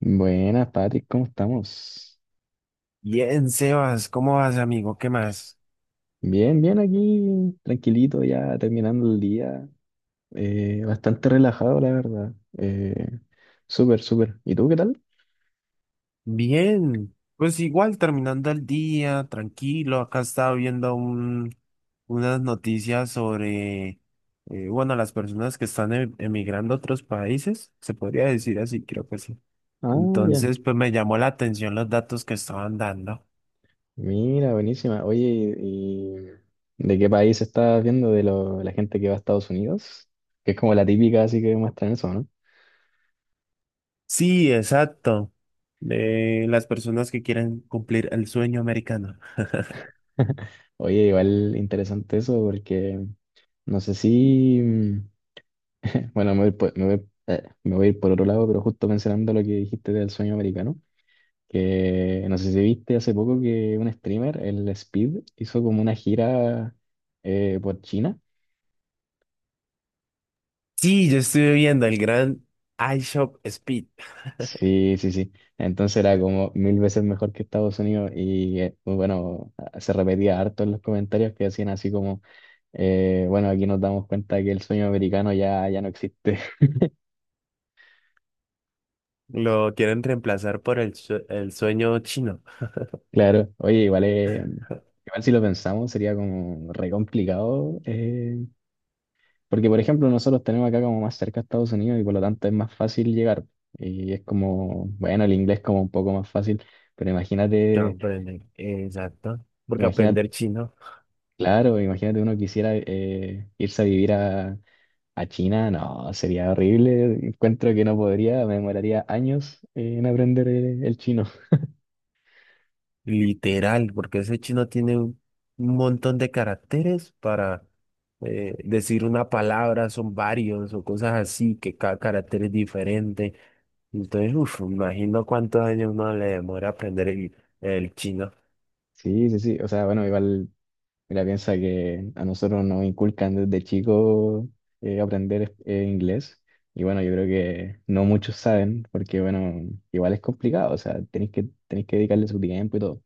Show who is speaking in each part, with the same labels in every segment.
Speaker 1: Buenas, Patrick, ¿cómo estamos?
Speaker 2: Bien, Sebas, ¿cómo vas, amigo? ¿Qué más?
Speaker 1: Bien, bien aquí, tranquilito ya, terminando el día. Bastante relajado, la verdad. Súper, súper. ¿Y tú qué tal?
Speaker 2: Bien, pues igual terminando el día, tranquilo. Acá estaba viendo unas noticias sobre, bueno, las personas que están emigrando a otros países, se podría decir así, creo que sí.
Speaker 1: Ah, ya.
Speaker 2: Entonces, pues me llamó la atención los datos que estaban dando.
Speaker 1: Mira, buenísima. Oye, ¿y de qué país estás viendo? ¿De la gente que va a Estados Unidos? Que es como la típica, así que muestran eso, ¿no?
Speaker 2: Sí, exacto. De las personas que quieren cumplir el sueño americano.
Speaker 1: Oye, igual interesante eso porque no sé si... bueno, me voy a ir por otro lado, pero justo mencionando lo que dijiste del sueño americano. Que no sé si viste hace poco que un streamer, el Speed, hizo como una gira por China.
Speaker 2: Sí, yo estuve viendo el gran iShop Speed.
Speaker 1: Sí, sí, sí. Entonces era como mil veces mejor que Estados Unidos y pues bueno, se repetía harto en los comentarios que hacían así como, bueno, aquí nos damos cuenta que el sueño americano ya no existe.
Speaker 2: Lo quieren reemplazar por el sueño chino.
Speaker 1: Claro, oye, igual, igual si lo pensamos sería como re complicado porque, por ejemplo, nosotros tenemos acá como más cerca a Estados Unidos y por lo tanto es más fácil llegar. Y es como, bueno, el inglés como un poco más fácil, pero
Speaker 2: Ya,
Speaker 1: imagínate,
Speaker 2: aprende. Exacto. Porque
Speaker 1: imagínate,
Speaker 2: aprender chino,
Speaker 1: claro, imagínate uno quisiera irse a vivir a China, no, sería horrible. Encuentro que no podría, me demoraría años en aprender el chino.
Speaker 2: literal, porque ese chino tiene un montón de caracteres para decir una palabra, son varios o cosas así, que cada carácter es diferente. Entonces, uff, imagino cuántos años uno le demora aprender el chino.
Speaker 1: Sí, sí, sí, o sea, bueno, igual mira, piensa que a nosotros nos inculcan desde chicos aprender inglés. Y bueno, yo creo que no muchos saben, porque bueno, igual es complicado, o sea, tenéis que dedicarle su tiempo y todo.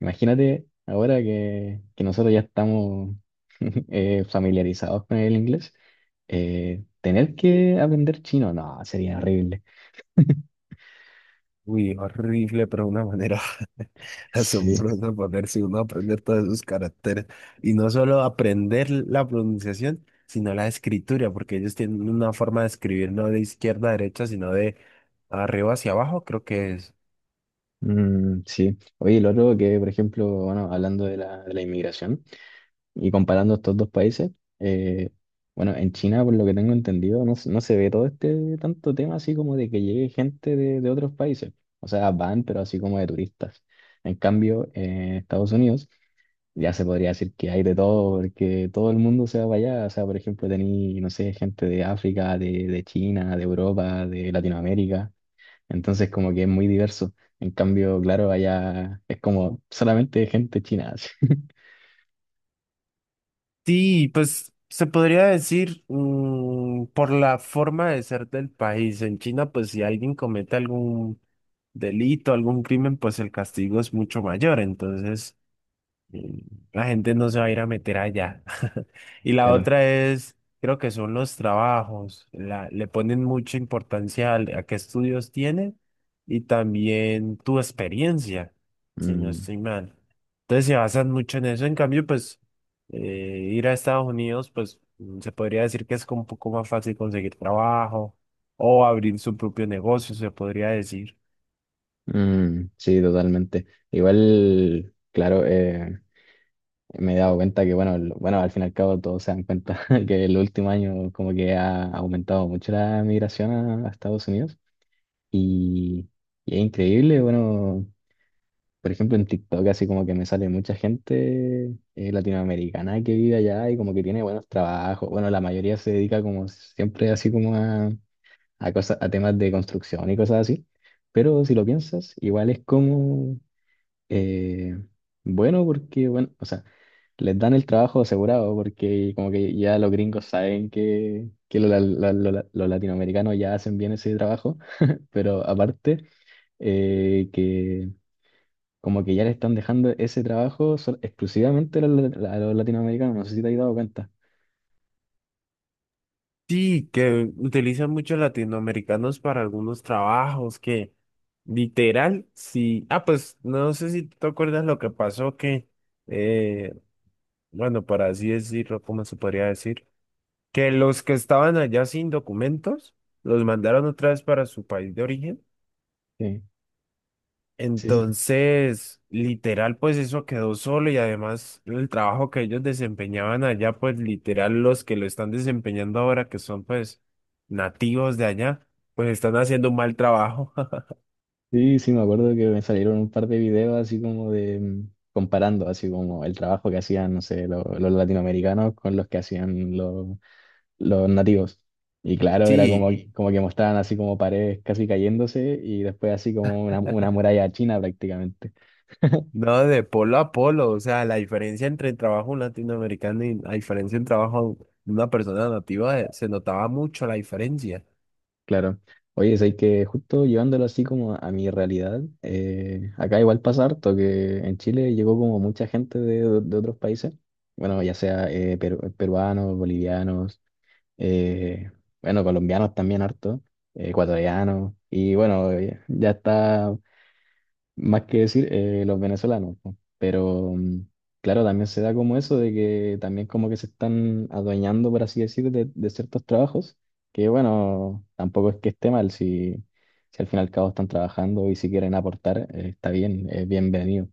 Speaker 1: Imagínate ahora que nosotros ya estamos familiarizados con el inglés, tener que aprender chino, no, sería horrible.
Speaker 2: Uy, horrible, pero una manera
Speaker 1: Sí.
Speaker 2: asombrosa ponerse uno a aprender todos esos caracteres. Y no solo aprender la pronunciación, sino la escritura, porque ellos tienen una forma de escribir no de izquierda a derecha, sino de arriba hacia abajo, creo que es.
Speaker 1: Mm, sí. Oye, lo otro que, por ejemplo, bueno, hablando de de la inmigración. Y comparando estos dos países, eh, bueno, en China, por lo que tengo entendido, no, no se ve todo este tanto tema así como de que llegue gente de otros países. O sea, van, pero así como de turistas. En cambio, en Estados Unidos ya se podría decir que hay de todo, porque todo el mundo se va para allá. O sea, por ejemplo, tení, no sé, gente de África, de China, de Europa, de Latinoamérica. Entonces, como que es muy diverso. En cambio, claro, allá es como solamente gente china. Así.
Speaker 2: Sí, pues se podría decir, mm, por la forma de ser del país. En China, pues si alguien comete algún delito, algún crimen, pues el castigo es mucho mayor. Entonces… Mm. La gente no se va a ir a meter allá. Y la
Speaker 1: Claro.
Speaker 2: otra es, creo que son los trabajos. Le ponen mucha importancia a qué estudios tienes y también tu experiencia, si no
Speaker 1: Mm.
Speaker 2: estoy mal. Entonces se basan mucho en eso. En cambio, pues eh, ir a Estados Unidos, pues, mm, se podría decir que es como un poco más fácil conseguir trabajo o abrir su propio negocio, se podría decir.
Speaker 1: Mm, sí, totalmente. Igual, claro, me he dado cuenta que, bueno, bueno, al fin y al cabo todos se dan cuenta que el último año como que ha aumentado mucho la migración a Estados Unidos y, y es increíble, bueno, por ejemplo en TikTok así como que me sale mucha gente latinoamericana que vive allá y como que tiene buenos trabajos. Bueno, la mayoría se dedica como siempre así como a cosas, a temas de construcción y cosas así. Pero si lo piensas, igual es como eh, bueno, porque, bueno, o sea, les dan el trabajo asegurado, porque como que ya los gringos saben que los, los latinoamericanos ya hacen bien ese trabajo, pero aparte, que como que ya le están dejando ese trabajo exclusivamente a los latinoamericanos, no sé si te has dado cuenta.
Speaker 2: Sí, que utilizan muchos latinoamericanos para algunos trabajos que literal, sí. Ah, pues no sé si tú te acuerdas lo que pasó que, eh, bueno, para así decirlo, ¿cómo se podría decir? Que los que estaban allá sin documentos los mandaron otra vez para su país de origen.
Speaker 1: Sí, sí, sí,
Speaker 2: Entonces, literal, pues eso quedó solo y además el trabajo que ellos desempeñaban allá, pues literal los que lo están desempeñando ahora, que son pues nativos de allá, pues están haciendo un mal trabajo.
Speaker 1: sí, sí, me acuerdo que me salieron un par de videos así como de... comparando así como el trabajo que hacían, no sé, los latinoamericanos con los que hacían los nativos. Y claro, era como,
Speaker 2: Sí,
Speaker 1: como que mostraban así como paredes casi cayéndose y después así como una muralla china prácticamente.
Speaker 2: no, de polo a polo, o sea, la diferencia entre el trabajo latinoamericano y la diferencia en trabajo de una persona nativa, se notaba mucho la diferencia.
Speaker 1: Claro. Oye, es que justo llevándolo así como a mi realidad, acá igual pasa harto que en Chile llegó como mucha gente de otros países, bueno, ya sea peruanos, bolivianos, eh, bueno, colombianos también harto, ecuatorianos, y bueno, ya está más que decir los venezolanos, po. Pero claro, también se da como eso de que también como que se están adueñando, por así decir, de ciertos trabajos, que bueno, tampoco es que esté mal, si, si al fin y al cabo están trabajando y si quieren aportar, está bien, es bienvenido.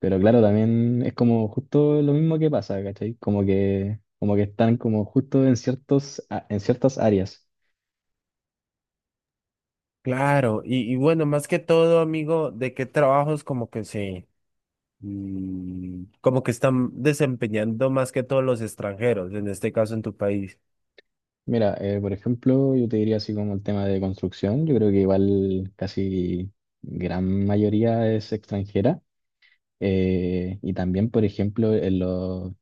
Speaker 1: Pero claro, también es como justo lo mismo que pasa, ¿cachai? Como que están como justo en ciertos, en ciertas áreas.
Speaker 2: Claro, y bueno, más que todo, amigo, ¿de qué trabajos como que se… mm, como que están desempeñando más que todos los extranjeros, en este caso en tu país?
Speaker 1: Mira, por ejemplo, yo te diría así como el tema de construcción, yo creo que igual casi gran mayoría es extranjera y también, por ejemplo,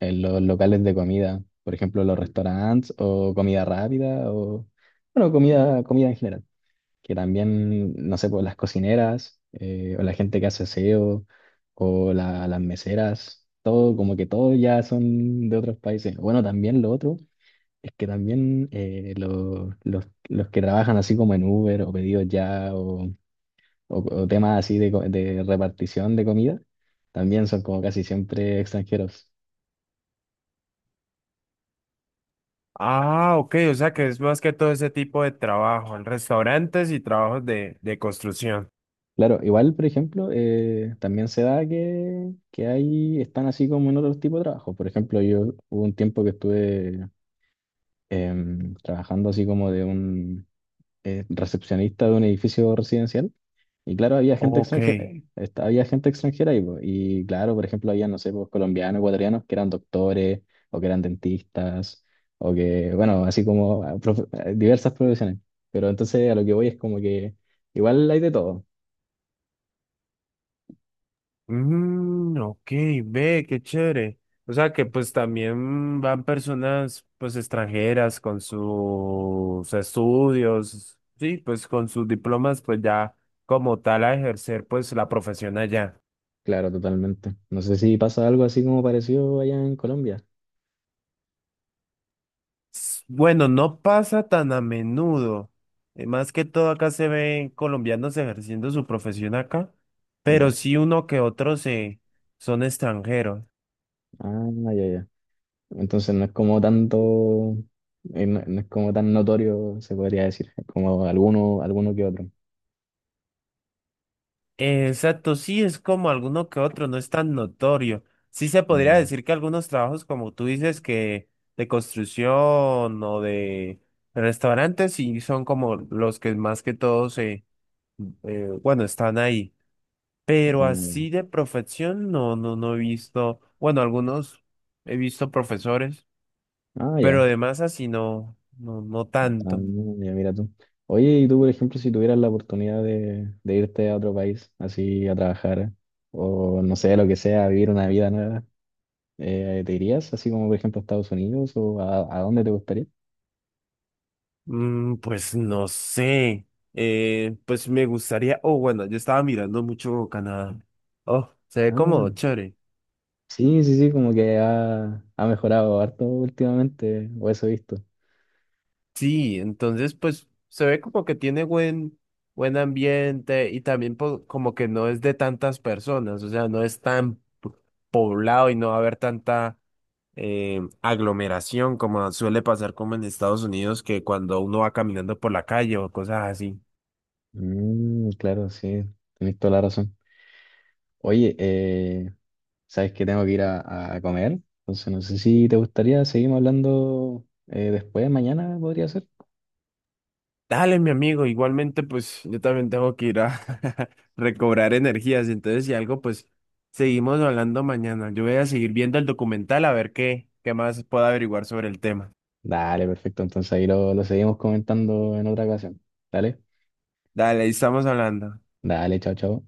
Speaker 1: en los locales de comida, por ejemplo, los restaurantes o comida rápida o, bueno, comida, comida en general, que también, no sé, pues las cocineras o la gente que hace aseo o las meseras, todo, como que todo ya son de otros países. Bueno, también lo otro es que también los que trabajan así como en Uber o pedidos ya o, o temas así de, de repartición de comida, también son como casi siempre extranjeros.
Speaker 2: Ah, ok, o sea que es más que todo ese tipo de trabajo, en restaurantes y trabajos de construcción.
Speaker 1: Claro, igual, por ejemplo, también se da que ahí están así como en otro tipo de trabajo. Por ejemplo, yo hubo un tiempo que estuve trabajando así como de un recepcionista de un edificio residencial. Y claro,
Speaker 2: Ok.
Speaker 1: había gente extranjera ahí, po. Y claro, por ejemplo, había, no sé, pues, colombianos, ecuatorianos que eran doctores o que eran dentistas o que, bueno, así como ah, ah, diversas profesiones. Pero entonces a lo que voy es como que igual hay de todo.
Speaker 2: Mm, ok, ve, qué chévere. O sea que pues también van personas pues extranjeras con sus estudios, sí, pues con sus diplomas pues ya como tal a ejercer pues la profesión allá.
Speaker 1: Claro, totalmente. No sé si pasa algo así como parecido allá en Colombia.
Speaker 2: Bueno, no pasa tan a menudo. Más que todo acá se ven colombianos ejerciendo su profesión acá,
Speaker 1: Ya.
Speaker 2: pero sí uno que otro se son extranjeros.
Speaker 1: Ah, ya, ya. Entonces no es como tanto, no, no es como tan notorio, se podría decir, es como alguno, alguno que otro.
Speaker 2: Exacto, sí es como alguno que otro, no es tan notorio. Sí se podría
Speaker 1: Mm,
Speaker 2: decir que algunos trabajos, como tú dices, que de construcción o de restaurantes, sí son como los que más que todo, están ahí. Pero
Speaker 1: ah,
Speaker 2: así de profesión, no, no, no he visto, bueno, algunos he visto profesores,
Speaker 1: ya. Ah,
Speaker 2: pero
Speaker 1: ya.
Speaker 2: además así no, no, no
Speaker 1: Ah,
Speaker 2: tanto.
Speaker 1: ya mira tú. Oye, y tú, por ejemplo, si tuvieras la oportunidad de irte a otro país, así a trabajar, o no sé, lo que sea, a vivir una vida nueva, ¿te irías así como, por ejemplo, a Estados Unidos o a dónde te gustaría?
Speaker 2: Mm, pues no sé, pues me gustaría, oh, bueno, yo estaba mirando mucho Canadá. Oh, se ve
Speaker 1: Ah,
Speaker 2: como chévere.
Speaker 1: sí, sí, sí, como que ha mejorado harto últimamente, o eso he visto.
Speaker 2: Sí, entonces pues se ve como que tiene buen ambiente y también como que no es de tantas personas, o sea, no es tan p- poblado y no va a haber tanta aglomeración, como suele pasar como en Estados Unidos, que cuando uno va caminando por la calle o cosas así.
Speaker 1: Mm, claro, sí, tenés toda la razón. Oye, sabes que tengo que ir a comer, entonces no sé si te gustaría, seguimos hablando después, mañana podría ser.
Speaker 2: Dale, mi amigo, igualmente pues yo también tengo que ir a recobrar energías, entonces si algo pues seguimos hablando mañana. Yo voy a seguir viendo el documental a ver qué más puedo averiguar sobre el tema.
Speaker 1: Dale, perfecto. Entonces ahí lo seguimos comentando en otra ocasión. Dale,
Speaker 2: Dale, ahí estamos hablando.
Speaker 1: dale, chao, chao.